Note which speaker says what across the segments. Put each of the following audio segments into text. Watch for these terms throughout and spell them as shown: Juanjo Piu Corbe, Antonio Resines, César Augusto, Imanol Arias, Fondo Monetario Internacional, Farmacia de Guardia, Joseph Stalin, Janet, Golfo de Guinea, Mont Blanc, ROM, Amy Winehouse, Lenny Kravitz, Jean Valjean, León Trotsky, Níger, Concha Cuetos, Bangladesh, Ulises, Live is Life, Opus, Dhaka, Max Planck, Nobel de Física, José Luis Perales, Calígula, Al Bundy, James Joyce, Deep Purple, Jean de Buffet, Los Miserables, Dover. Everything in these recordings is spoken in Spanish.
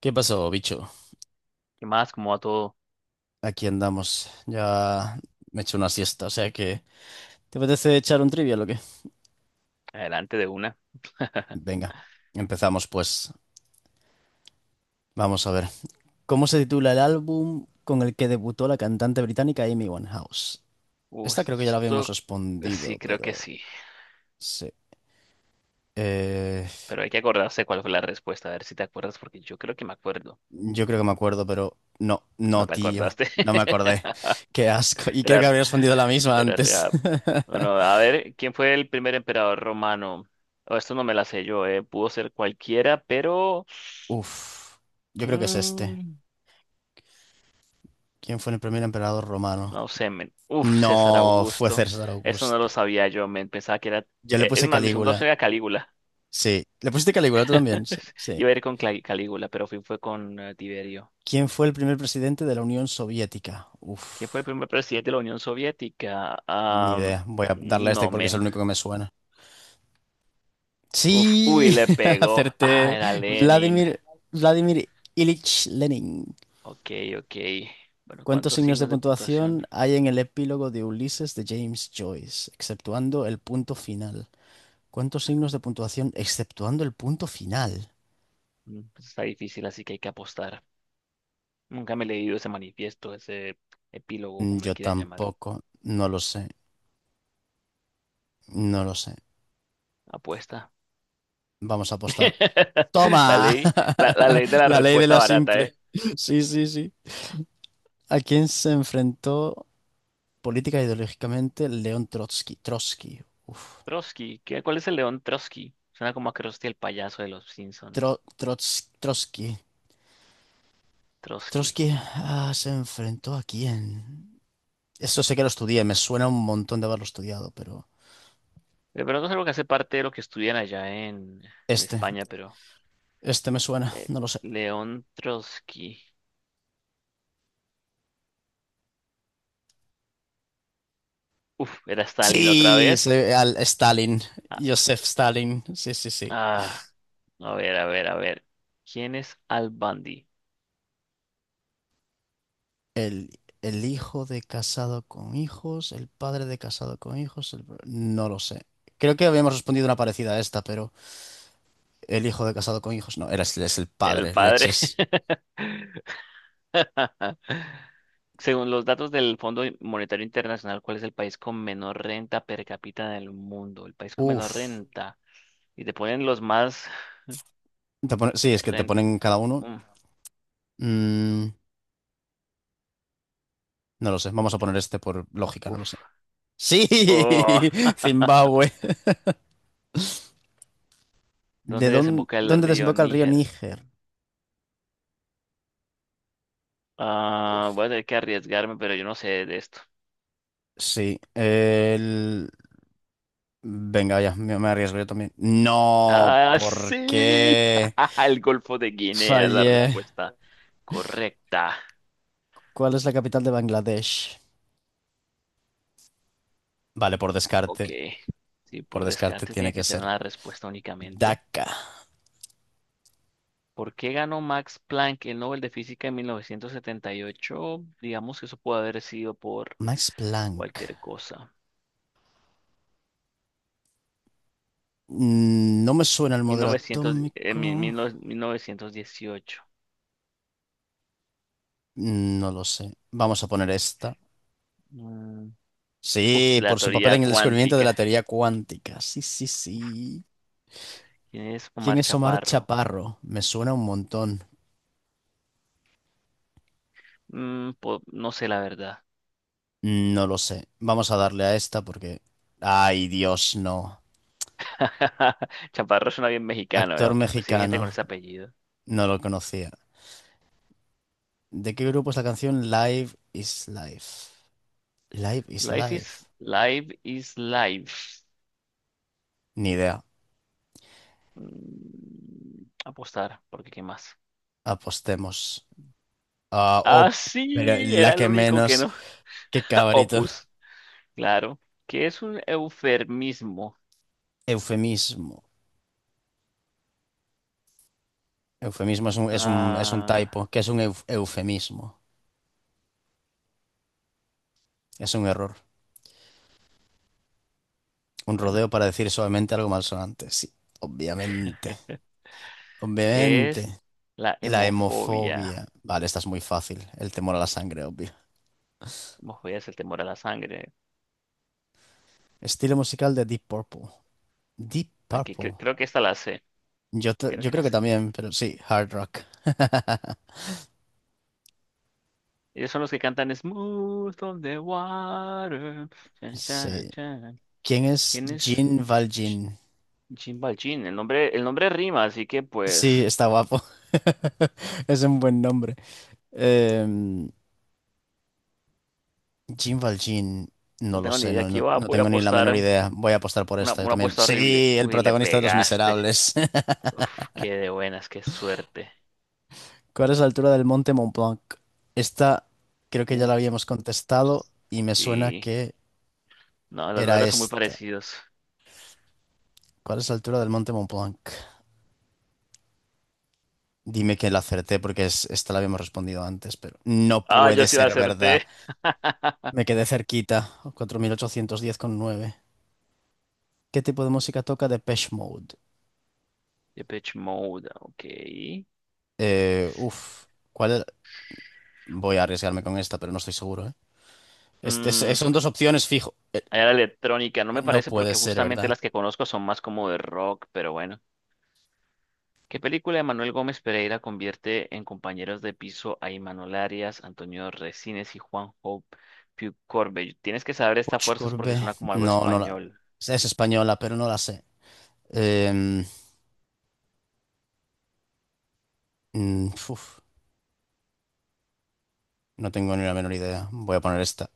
Speaker 1: ¿Qué pasó, bicho?
Speaker 2: ¿Qué más? ¿Cómo va todo?
Speaker 1: Aquí andamos. Ya me he hecho una siesta, o sea que... ¿Te apetece echar un trivia o qué?
Speaker 2: Adelante de una.
Speaker 1: Venga, empezamos pues. Vamos a ver. ¿Cómo se titula el álbum con el que debutó la cantante británica Amy Winehouse? Esta creo que ya la habíamos
Speaker 2: Esto sí,
Speaker 1: respondido,
Speaker 2: creo que
Speaker 1: pero...
Speaker 2: sí.
Speaker 1: Sí. Eh,
Speaker 2: Pero hay que acordarse cuál fue la respuesta. A ver si te acuerdas, porque yo creo que me acuerdo.
Speaker 1: Yo creo que me acuerdo, pero... No,
Speaker 2: ¿No
Speaker 1: no,
Speaker 2: te
Speaker 1: tío.
Speaker 2: acordaste?
Speaker 1: No me acordé. Qué asco. Y creo que
Speaker 2: Era,
Speaker 1: habría respondido la misma
Speaker 2: era
Speaker 1: antes.
Speaker 2: real. Bueno, a ver, ¿quién fue el primer emperador romano? Oh, esto no me la sé yo, eh. Pudo ser cualquiera, pero
Speaker 1: Uf. Yo creo que es este.
Speaker 2: mm,
Speaker 1: ¿Quién fue el primer emperador romano?
Speaker 2: no sé, men. Uf, César
Speaker 1: No fue
Speaker 2: Augusto.
Speaker 1: César
Speaker 2: Eso no
Speaker 1: Augusto.
Speaker 2: lo sabía yo, men. Pensaba que era.
Speaker 1: Yo le
Speaker 2: Es
Speaker 1: puse
Speaker 2: más, mi segunda
Speaker 1: Calígula.
Speaker 2: opción era Calígula.
Speaker 1: Sí. ¿Le pusiste Calígula tú también? Sí, sí.
Speaker 2: Iba a ir con Calígula, pero fue con Tiberio.
Speaker 1: ¿Quién fue el primer presidente de la Unión Soviética?
Speaker 2: ¿Quién fue el
Speaker 1: Uf,
Speaker 2: primer presidente de la Unión Soviética?
Speaker 1: ni idea. Voy a darle a este
Speaker 2: No,
Speaker 1: porque es el
Speaker 2: men.
Speaker 1: único que me suena.
Speaker 2: Uf, uy,
Speaker 1: Sí,
Speaker 2: le pegó. Ah,
Speaker 1: acerté.
Speaker 2: era Lenin.
Speaker 1: Vladimir, Vladimir Ilich Lenin.
Speaker 2: Ok, ok. Bueno,
Speaker 1: ¿Cuántos
Speaker 2: ¿cuántos
Speaker 1: signos de
Speaker 2: signos de puntuación?
Speaker 1: puntuación hay en el epílogo de Ulises de James Joyce, exceptuando el punto final? ¿Cuántos signos de puntuación exceptuando el punto final?
Speaker 2: Mm, pues está difícil, así que hay que apostar. Nunca me he leído ese manifiesto, ese epílogo, como le
Speaker 1: Yo
Speaker 2: quieran llamar.
Speaker 1: tampoco, no lo sé. No lo sé.
Speaker 2: Apuesta.
Speaker 1: Vamos a apostar.
Speaker 2: La
Speaker 1: ¡Toma!
Speaker 2: ley, la, la ley de la
Speaker 1: La ley de
Speaker 2: respuesta
Speaker 1: la
Speaker 2: barata,
Speaker 1: simple.
Speaker 2: ¿eh?
Speaker 1: Sí, sí, sí. ¿A quién se enfrentó política e ideológicamente León Trotsky? Trotsky. Uf.
Speaker 2: Trotsky. ¿Qué, cuál es el león Trotsky? Suena como a Krusty el payaso de los Simpson.
Speaker 1: Trotsky.
Speaker 2: Trotsky.
Speaker 1: Trotsky, ah, ¿se enfrentó a quién? Eso sé que lo estudié. Me suena un montón de haberlo estudiado, pero...
Speaker 2: De pronto es algo que hace parte de lo que estudian allá en
Speaker 1: Este.
Speaker 2: España, pero
Speaker 1: Este me suena.
Speaker 2: eh,
Speaker 1: No lo sé.
Speaker 2: León Trotsky. Uf, era Stalin otra
Speaker 1: Sí,
Speaker 2: vez.
Speaker 1: al Stalin.
Speaker 2: Ah,
Speaker 1: Joseph Stalin. Sí, sí, sí.
Speaker 2: ah, a ver, a ver, a ver. ¿Quién es Al Bundy?
Speaker 1: El hijo de casado con hijos, el padre de casado con hijos, no lo sé. Creo que habíamos respondido una parecida a esta, pero el hijo de casado con hijos, no, era, es el
Speaker 2: El
Speaker 1: padre,
Speaker 2: padre.
Speaker 1: leches.
Speaker 2: Según los datos del Fondo Monetario Internacional, ¿cuál es el país con menor renta per cápita del mundo? El país con menor
Speaker 1: Uf.
Speaker 2: renta. Y te ponen los más
Speaker 1: Sí, es que te
Speaker 2: rent...
Speaker 1: ponen cada uno.
Speaker 2: Mm,
Speaker 1: Mm, no lo sé, vamos a poner este por lógica, no lo sé.
Speaker 2: Uf.
Speaker 1: Sí,
Speaker 2: Oh.
Speaker 1: Zimbabue. ¿De
Speaker 2: ¿Dónde
Speaker 1: dónde,
Speaker 2: desemboca el
Speaker 1: dónde
Speaker 2: río
Speaker 1: desemboca el río
Speaker 2: Níger?
Speaker 1: Níger?
Speaker 2: Ah,
Speaker 1: Uf.
Speaker 2: voy a tener que arriesgarme, pero yo no sé de esto.
Speaker 1: Sí, el... Venga, ya, me arriesgo yo también. No,
Speaker 2: Ah,
Speaker 1: ¿por
Speaker 2: sí.
Speaker 1: qué?
Speaker 2: El Golfo de Guinea es la
Speaker 1: Fallé.
Speaker 2: respuesta correcta.
Speaker 1: ¿Cuál es la capital de Bangladesh? Vale, por
Speaker 2: Ok.
Speaker 1: descarte.
Speaker 2: Sí,
Speaker 1: Por
Speaker 2: por
Speaker 1: descarte
Speaker 2: descarte tiene
Speaker 1: tiene que
Speaker 2: que tener
Speaker 1: ser
Speaker 2: una respuesta únicamente.
Speaker 1: Dhaka.
Speaker 2: ¿Por qué ganó Max Planck el Nobel de Física en 1978? Digamos que eso puede haber sido por
Speaker 1: Max Planck.
Speaker 2: cualquier cosa.
Speaker 1: Mm, no me suena el modelo
Speaker 2: 1900, mi- mil
Speaker 1: atómico.
Speaker 2: no- 1918.
Speaker 1: Mm, no lo sé. Vamos a poner esta.
Speaker 2: Mm, uf,
Speaker 1: Sí,
Speaker 2: la
Speaker 1: por su papel
Speaker 2: teoría
Speaker 1: en el descubrimiento de
Speaker 2: cuántica.
Speaker 1: la teoría cuántica. Sí, sí, sí.
Speaker 2: ¿Quién es
Speaker 1: ¿Quién
Speaker 2: Omar
Speaker 1: es Omar
Speaker 2: Chaparro?
Speaker 1: Chaparro? Me suena un montón.
Speaker 2: Mm, no sé la verdad.
Speaker 1: Mm, no lo sé. Vamos a darle a esta porque... Ay, Dios, no.
Speaker 2: Chaparro suena bien mexicano, ¿eh?
Speaker 1: Actor
Speaker 2: Aunque pues sí hay gente con
Speaker 1: mexicano.
Speaker 2: ese apellido.
Speaker 1: No lo conocía. ¿De qué grupo es la canción Live is Life? Live is
Speaker 2: Life
Speaker 1: Life.
Speaker 2: is life is life.
Speaker 1: Ni idea.
Speaker 2: Mm, apostar, porque ¿qué más?
Speaker 1: Apostemos. Ah,
Speaker 2: Ah,
Speaker 1: oh, pero
Speaker 2: sí,
Speaker 1: la
Speaker 2: era el
Speaker 1: que
Speaker 2: único que
Speaker 1: menos.
Speaker 2: no.
Speaker 1: Qué cabrito.
Speaker 2: Opus, claro. ¿Qué es un eufemismo?
Speaker 1: Eufemismo. Eufemismo es un
Speaker 2: Ah,
Speaker 1: typo. ¿Qué es un eufemismo? Es un error. Un
Speaker 2: bueno,
Speaker 1: rodeo para decir suavemente algo malsonante. Sí, obviamente.
Speaker 2: ¿qué es
Speaker 1: Obviamente.
Speaker 2: la
Speaker 1: La
Speaker 2: hemofobia?
Speaker 1: hemofobia. Vale, esta es muy fácil. El temor a la sangre, obvio.
Speaker 2: Hemofobia es el temor a la sangre.
Speaker 1: Estilo musical de Deep Purple. Deep
Speaker 2: Ok,
Speaker 1: Purple.
Speaker 2: creo que esta la sé.
Speaker 1: Yo,
Speaker 2: Creo
Speaker 1: yo
Speaker 2: que
Speaker 1: creo
Speaker 2: la
Speaker 1: que
Speaker 2: sé.
Speaker 1: también, pero sí, hard rock.
Speaker 2: Ellos son los que cantan Smooth on the Water. Chan, charan,
Speaker 1: Sí.
Speaker 2: charan.
Speaker 1: ¿Quién es
Speaker 2: ¿Quién es?
Speaker 1: Jean
Speaker 2: Ch-
Speaker 1: Valjean?
Speaker 2: Chimbalchín. El nombre rima, así que
Speaker 1: Sí,
Speaker 2: pues
Speaker 1: está guapo. Es un buen nombre. Em, Jean Valjean, no
Speaker 2: no
Speaker 1: lo
Speaker 2: tengo ni
Speaker 1: sé,
Speaker 2: idea. Aquí
Speaker 1: no
Speaker 2: voy a
Speaker 1: tengo ni la
Speaker 2: apostar
Speaker 1: menor idea. Voy a apostar por esta yo
Speaker 2: una
Speaker 1: también.
Speaker 2: apuesta horrible.
Speaker 1: Sí, el
Speaker 2: Uy, le
Speaker 1: protagonista de Los
Speaker 2: pegaste.
Speaker 1: Miserables.
Speaker 2: Uf, qué de buenas, qué suerte.
Speaker 1: ¿Cuál es la altura del monte Mont Blanc? Esta creo que ya la
Speaker 2: Uf,
Speaker 1: habíamos contestado y me suena
Speaker 2: sí.
Speaker 1: que
Speaker 2: No, los
Speaker 1: era
Speaker 2: números son muy
Speaker 1: esta.
Speaker 2: parecidos.
Speaker 1: ¿Cuál es la altura del monte Mont Blanc? Dime que la acerté porque es, esta la habíamos respondido antes, pero no
Speaker 2: Ah, yo
Speaker 1: puede
Speaker 2: sí la
Speaker 1: ser verdad.
Speaker 2: acerté.
Speaker 1: Me quedé cerquita, 4.810,9. ¿Qué tipo de música toca Depeche Mode?
Speaker 2: Depeche Mode, ok.
Speaker 1: Eh, uf, ¿Cuál era? Voy a arriesgarme con esta, pero no estoy seguro, ¿eh? Este,
Speaker 2: Mm,
Speaker 1: son dos opciones fijo.
Speaker 2: era electrónica, no me
Speaker 1: No
Speaker 2: parece
Speaker 1: puede
Speaker 2: porque
Speaker 1: ser
Speaker 2: justamente
Speaker 1: verdad.
Speaker 2: las que conozco son más como de rock, pero bueno. ¿Qué película de Manuel Gómez Pereira convierte en compañeros de piso a Imanol Arias, Antonio Resines y Juanjo Piu Corbe? Tienes que saber estas
Speaker 1: Puig
Speaker 2: fuerzas porque
Speaker 1: Corbé.
Speaker 2: suena como algo
Speaker 1: No, no la...
Speaker 2: español.
Speaker 1: Es española, pero no la sé. Em, mm, uf, no tengo ni la menor idea. Voy a poner esta.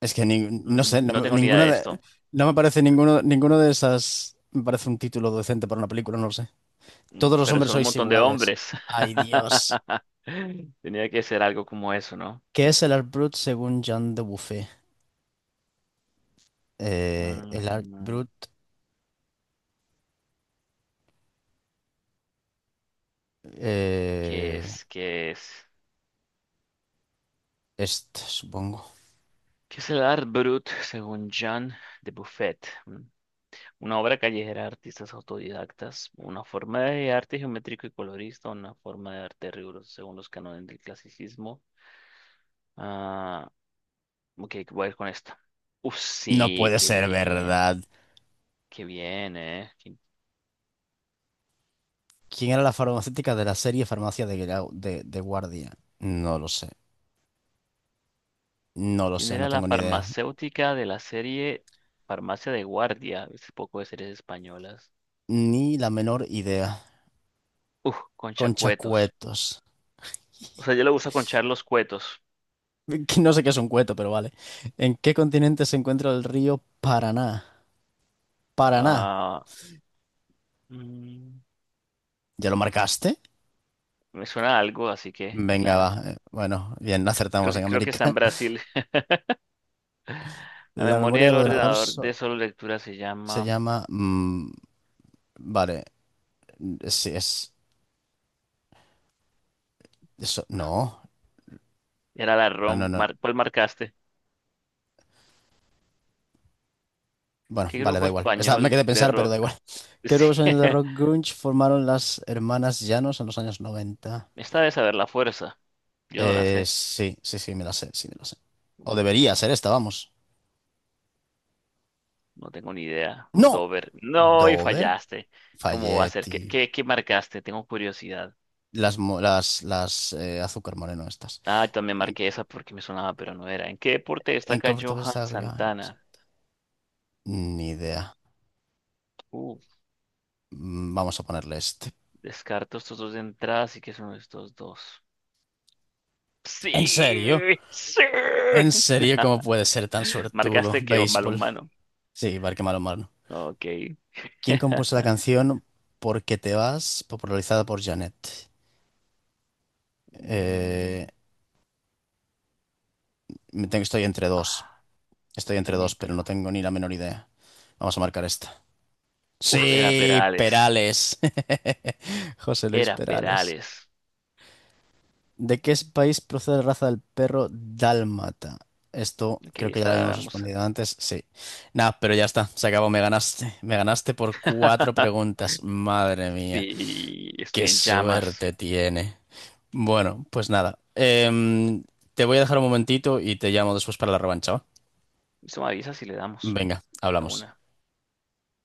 Speaker 1: Es que no
Speaker 2: Mm,
Speaker 1: sé, no,
Speaker 2: no tengo ni idea
Speaker 1: ninguna
Speaker 2: de
Speaker 1: de,
Speaker 2: esto,
Speaker 1: no me parece ninguno, ninguno de esas. Me parece un título decente para una película, no lo sé.
Speaker 2: mm,
Speaker 1: Todos los
Speaker 2: pero
Speaker 1: hombres
Speaker 2: son un
Speaker 1: sois
Speaker 2: montón de
Speaker 1: iguales.
Speaker 2: hombres.
Speaker 1: Ay, Dios.
Speaker 2: Tenía que ser algo como eso, ¿no?
Speaker 1: ¿Qué es el Art Brut según Jean de Buffet? El Art
Speaker 2: Mm,
Speaker 1: Brut.
Speaker 2: ¿qué
Speaker 1: Eh,
Speaker 2: es? ¿Qué es
Speaker 1: este, supongo.
Speaker 2: ¿Qué es el Art Brut según Jean de Buffet? Mm, una obra callejera de artistas autodidactas, una forma de arte geométrico y colorista, una forma de arte riguroso según los cánones del clasicismo. Ah, ok, voy a ir con esta. Uf,
Speaker 1: No
Speaker 2: sí,
Speaker 1: puede ser verdad.
Speaker 2: qué bien, ¿eh?
Speaker 1: ¿Quién era la farmacéutica de la serie Farmacia de Guardia? No lo sé. No lo
Speaker 2: ¿Quién
Speaker 1: sé, no
Speaker 2: era la
Speaker 1: tengo ni idea.
Speaker 2: farmacéutica de la serie Farmacia de Guardia? Ese poco de series españolas.
Speaker 1: Ni la menor idea.
Speaker 2: Uf, Concha
Speaker 1: Concha
Speaker 2: Cuetos.
Speaker 1: Cuetos.
Speaker 2: O sea, yo le gusta conchar los cuetos.
Speaker 1: No sé qué es un cueto, pero vale. ¿En qué continente se encuentra el río Paraná? Paraná.
Speaker 2: Ah, mm,
Speaker 1: ¿Ya lo marcaste?
Speaker 2: me suena a algo, así que,
Speaker 1: Venga, va.
Speaker 2: claro.
Speaker 1: Bueno, bien,
Speaker 2: Creo
Speaker 1: acertamos
Speaker 2: que,
Speaker 1: en
Speaker 2: creo que está en
Speaker 1: América.
Speaker 2: Brasil. La
Speaker 1: La
Speaker 2: memoria
Speaker 1: memoria
Speaker 2: del
Speaker 1: del ordenador
Speaker 2: ordenador de solo lectura se
Speaker 1: se
Speaker 2: llama.
Speaker 1: llama... Mm, vale. Sí, es... Eso. No.
Speaker 2: Era la
Speaker 1: No, no,
Speaker 2: ROM.
Speaker 1: no.
Speaker 2: ¿Cuál marcaste?
Speaker 1: Bueno,
Speaker 2: ¿Qué
Speaker 1: vale, da
Speaker 2: grupo
Speaker 1: igual. Me
Speaker 2: español
Speaker 1: quedé a
Speaker 2: de
Speaker 1: pensar, pero da
Speaker 2: rock?
Speaker 1: igual. ¿Qué
Speaker 2: Sí.
Speaker 1: grupo sonido de rock grunge formaron las hermanas Llanos en los años noventa?
Speaker 2: Esta de saber la fuerza. Yo no la sé.
Speaker 1: Sí, sí, sí, me la sé, sí, me la sé. O
Speaker 2: Uf,
Speaker 1: debería ser esta, vamos.
Speaker 2: no tengo ni idea.
Speaker 1: ¡No!
Speaker 2: Dover. No, y
Speaker 1: ¿Dover?
Speaker 2: fallaste. ¿Cómo va a ser?
Speaker 1: Falletti,
Speaker 2: ¿Qué marcaste? Tengo curiosidad.
Speaker 1: las azúcar moreno estas.
Speaker 2: Ah, también
Speaker 1: ¿En,
Speaker 2: marqué esa porque me sonaba, pero no era. ¿En qué deporte
Speaker 1: en qué
Speaker 2: destaca
Speaker 1: oferta
Speaker 2: Johan
Speaker 1: estaba yo antes?
Speaker 2: Santana?
Speaker 1: Ni idea.
Speaker 2: Uf,
Speaker 1: Mm, vamos a ponerle este.
Speaker 2: descarto estos dos de entrada, así que son estos dos.
Speaker 1: ¿En serio?
Speaker 2: Sí, sí.
Speaker 1: ¿En serio cómo puede ser tan suertudo?
Speaker 2: Marcaste que
Speaker 1: Béisbol.
Speaker 2: balonmano.
Speaker 1: Sí, Barque malo Marno.
Speaker 2: Ok.
Speaker 1: ¿Quién compuso la canción Porque te vas, popularizada por Janet? Eh,
Speaker 2: Mm,
Speaker 1: me tengo, estoy entre dos.
Speaker 2: ah,
Speaker 1: Estoy entre dos,
Speaker 2: también,
Speaker 1: pero
Speaker 2: pero.
Speaker 1: no tengo ni la menor idea. Vamos a marcar esta.
Speaker 2: Uf, era
Speaker 1: Sí,
Speaker 2: Perales.
Speaker 1: Perales. José Luis
Speaker 2: Era
Speaker 1: Perales.
Speaker 2: Perales.
Speaker 1: ¿De qué país procede la raza del perro dálmata? Esto
Speaker 2: Ok,
Speaker 1: creo que ya
Speaker 2: esta
Speaker 1: lo
Speaker 2: la
Speaker 1: habíamos
Speaker 2: damos.
Speaker 1: respondido antes, sí. Nada, pero ya está, se acabó, me ganaste. Me ganaste por cuatro preguntas, madre mía,
Speaker 2: Sí, estoy
Speaker 1: qué
Speaker 2: en llamas.
Speaker 1: suerte tiene. Bueno, pues nada, te voy a dejar un momentito y te llamo después para la revancha, ¿va?
Speaker 2: Eso me avisa si le damos.
Speaker 1: Venga,
Speaker 2: A
Speaker 1: hablamos.
Speaker 2: una.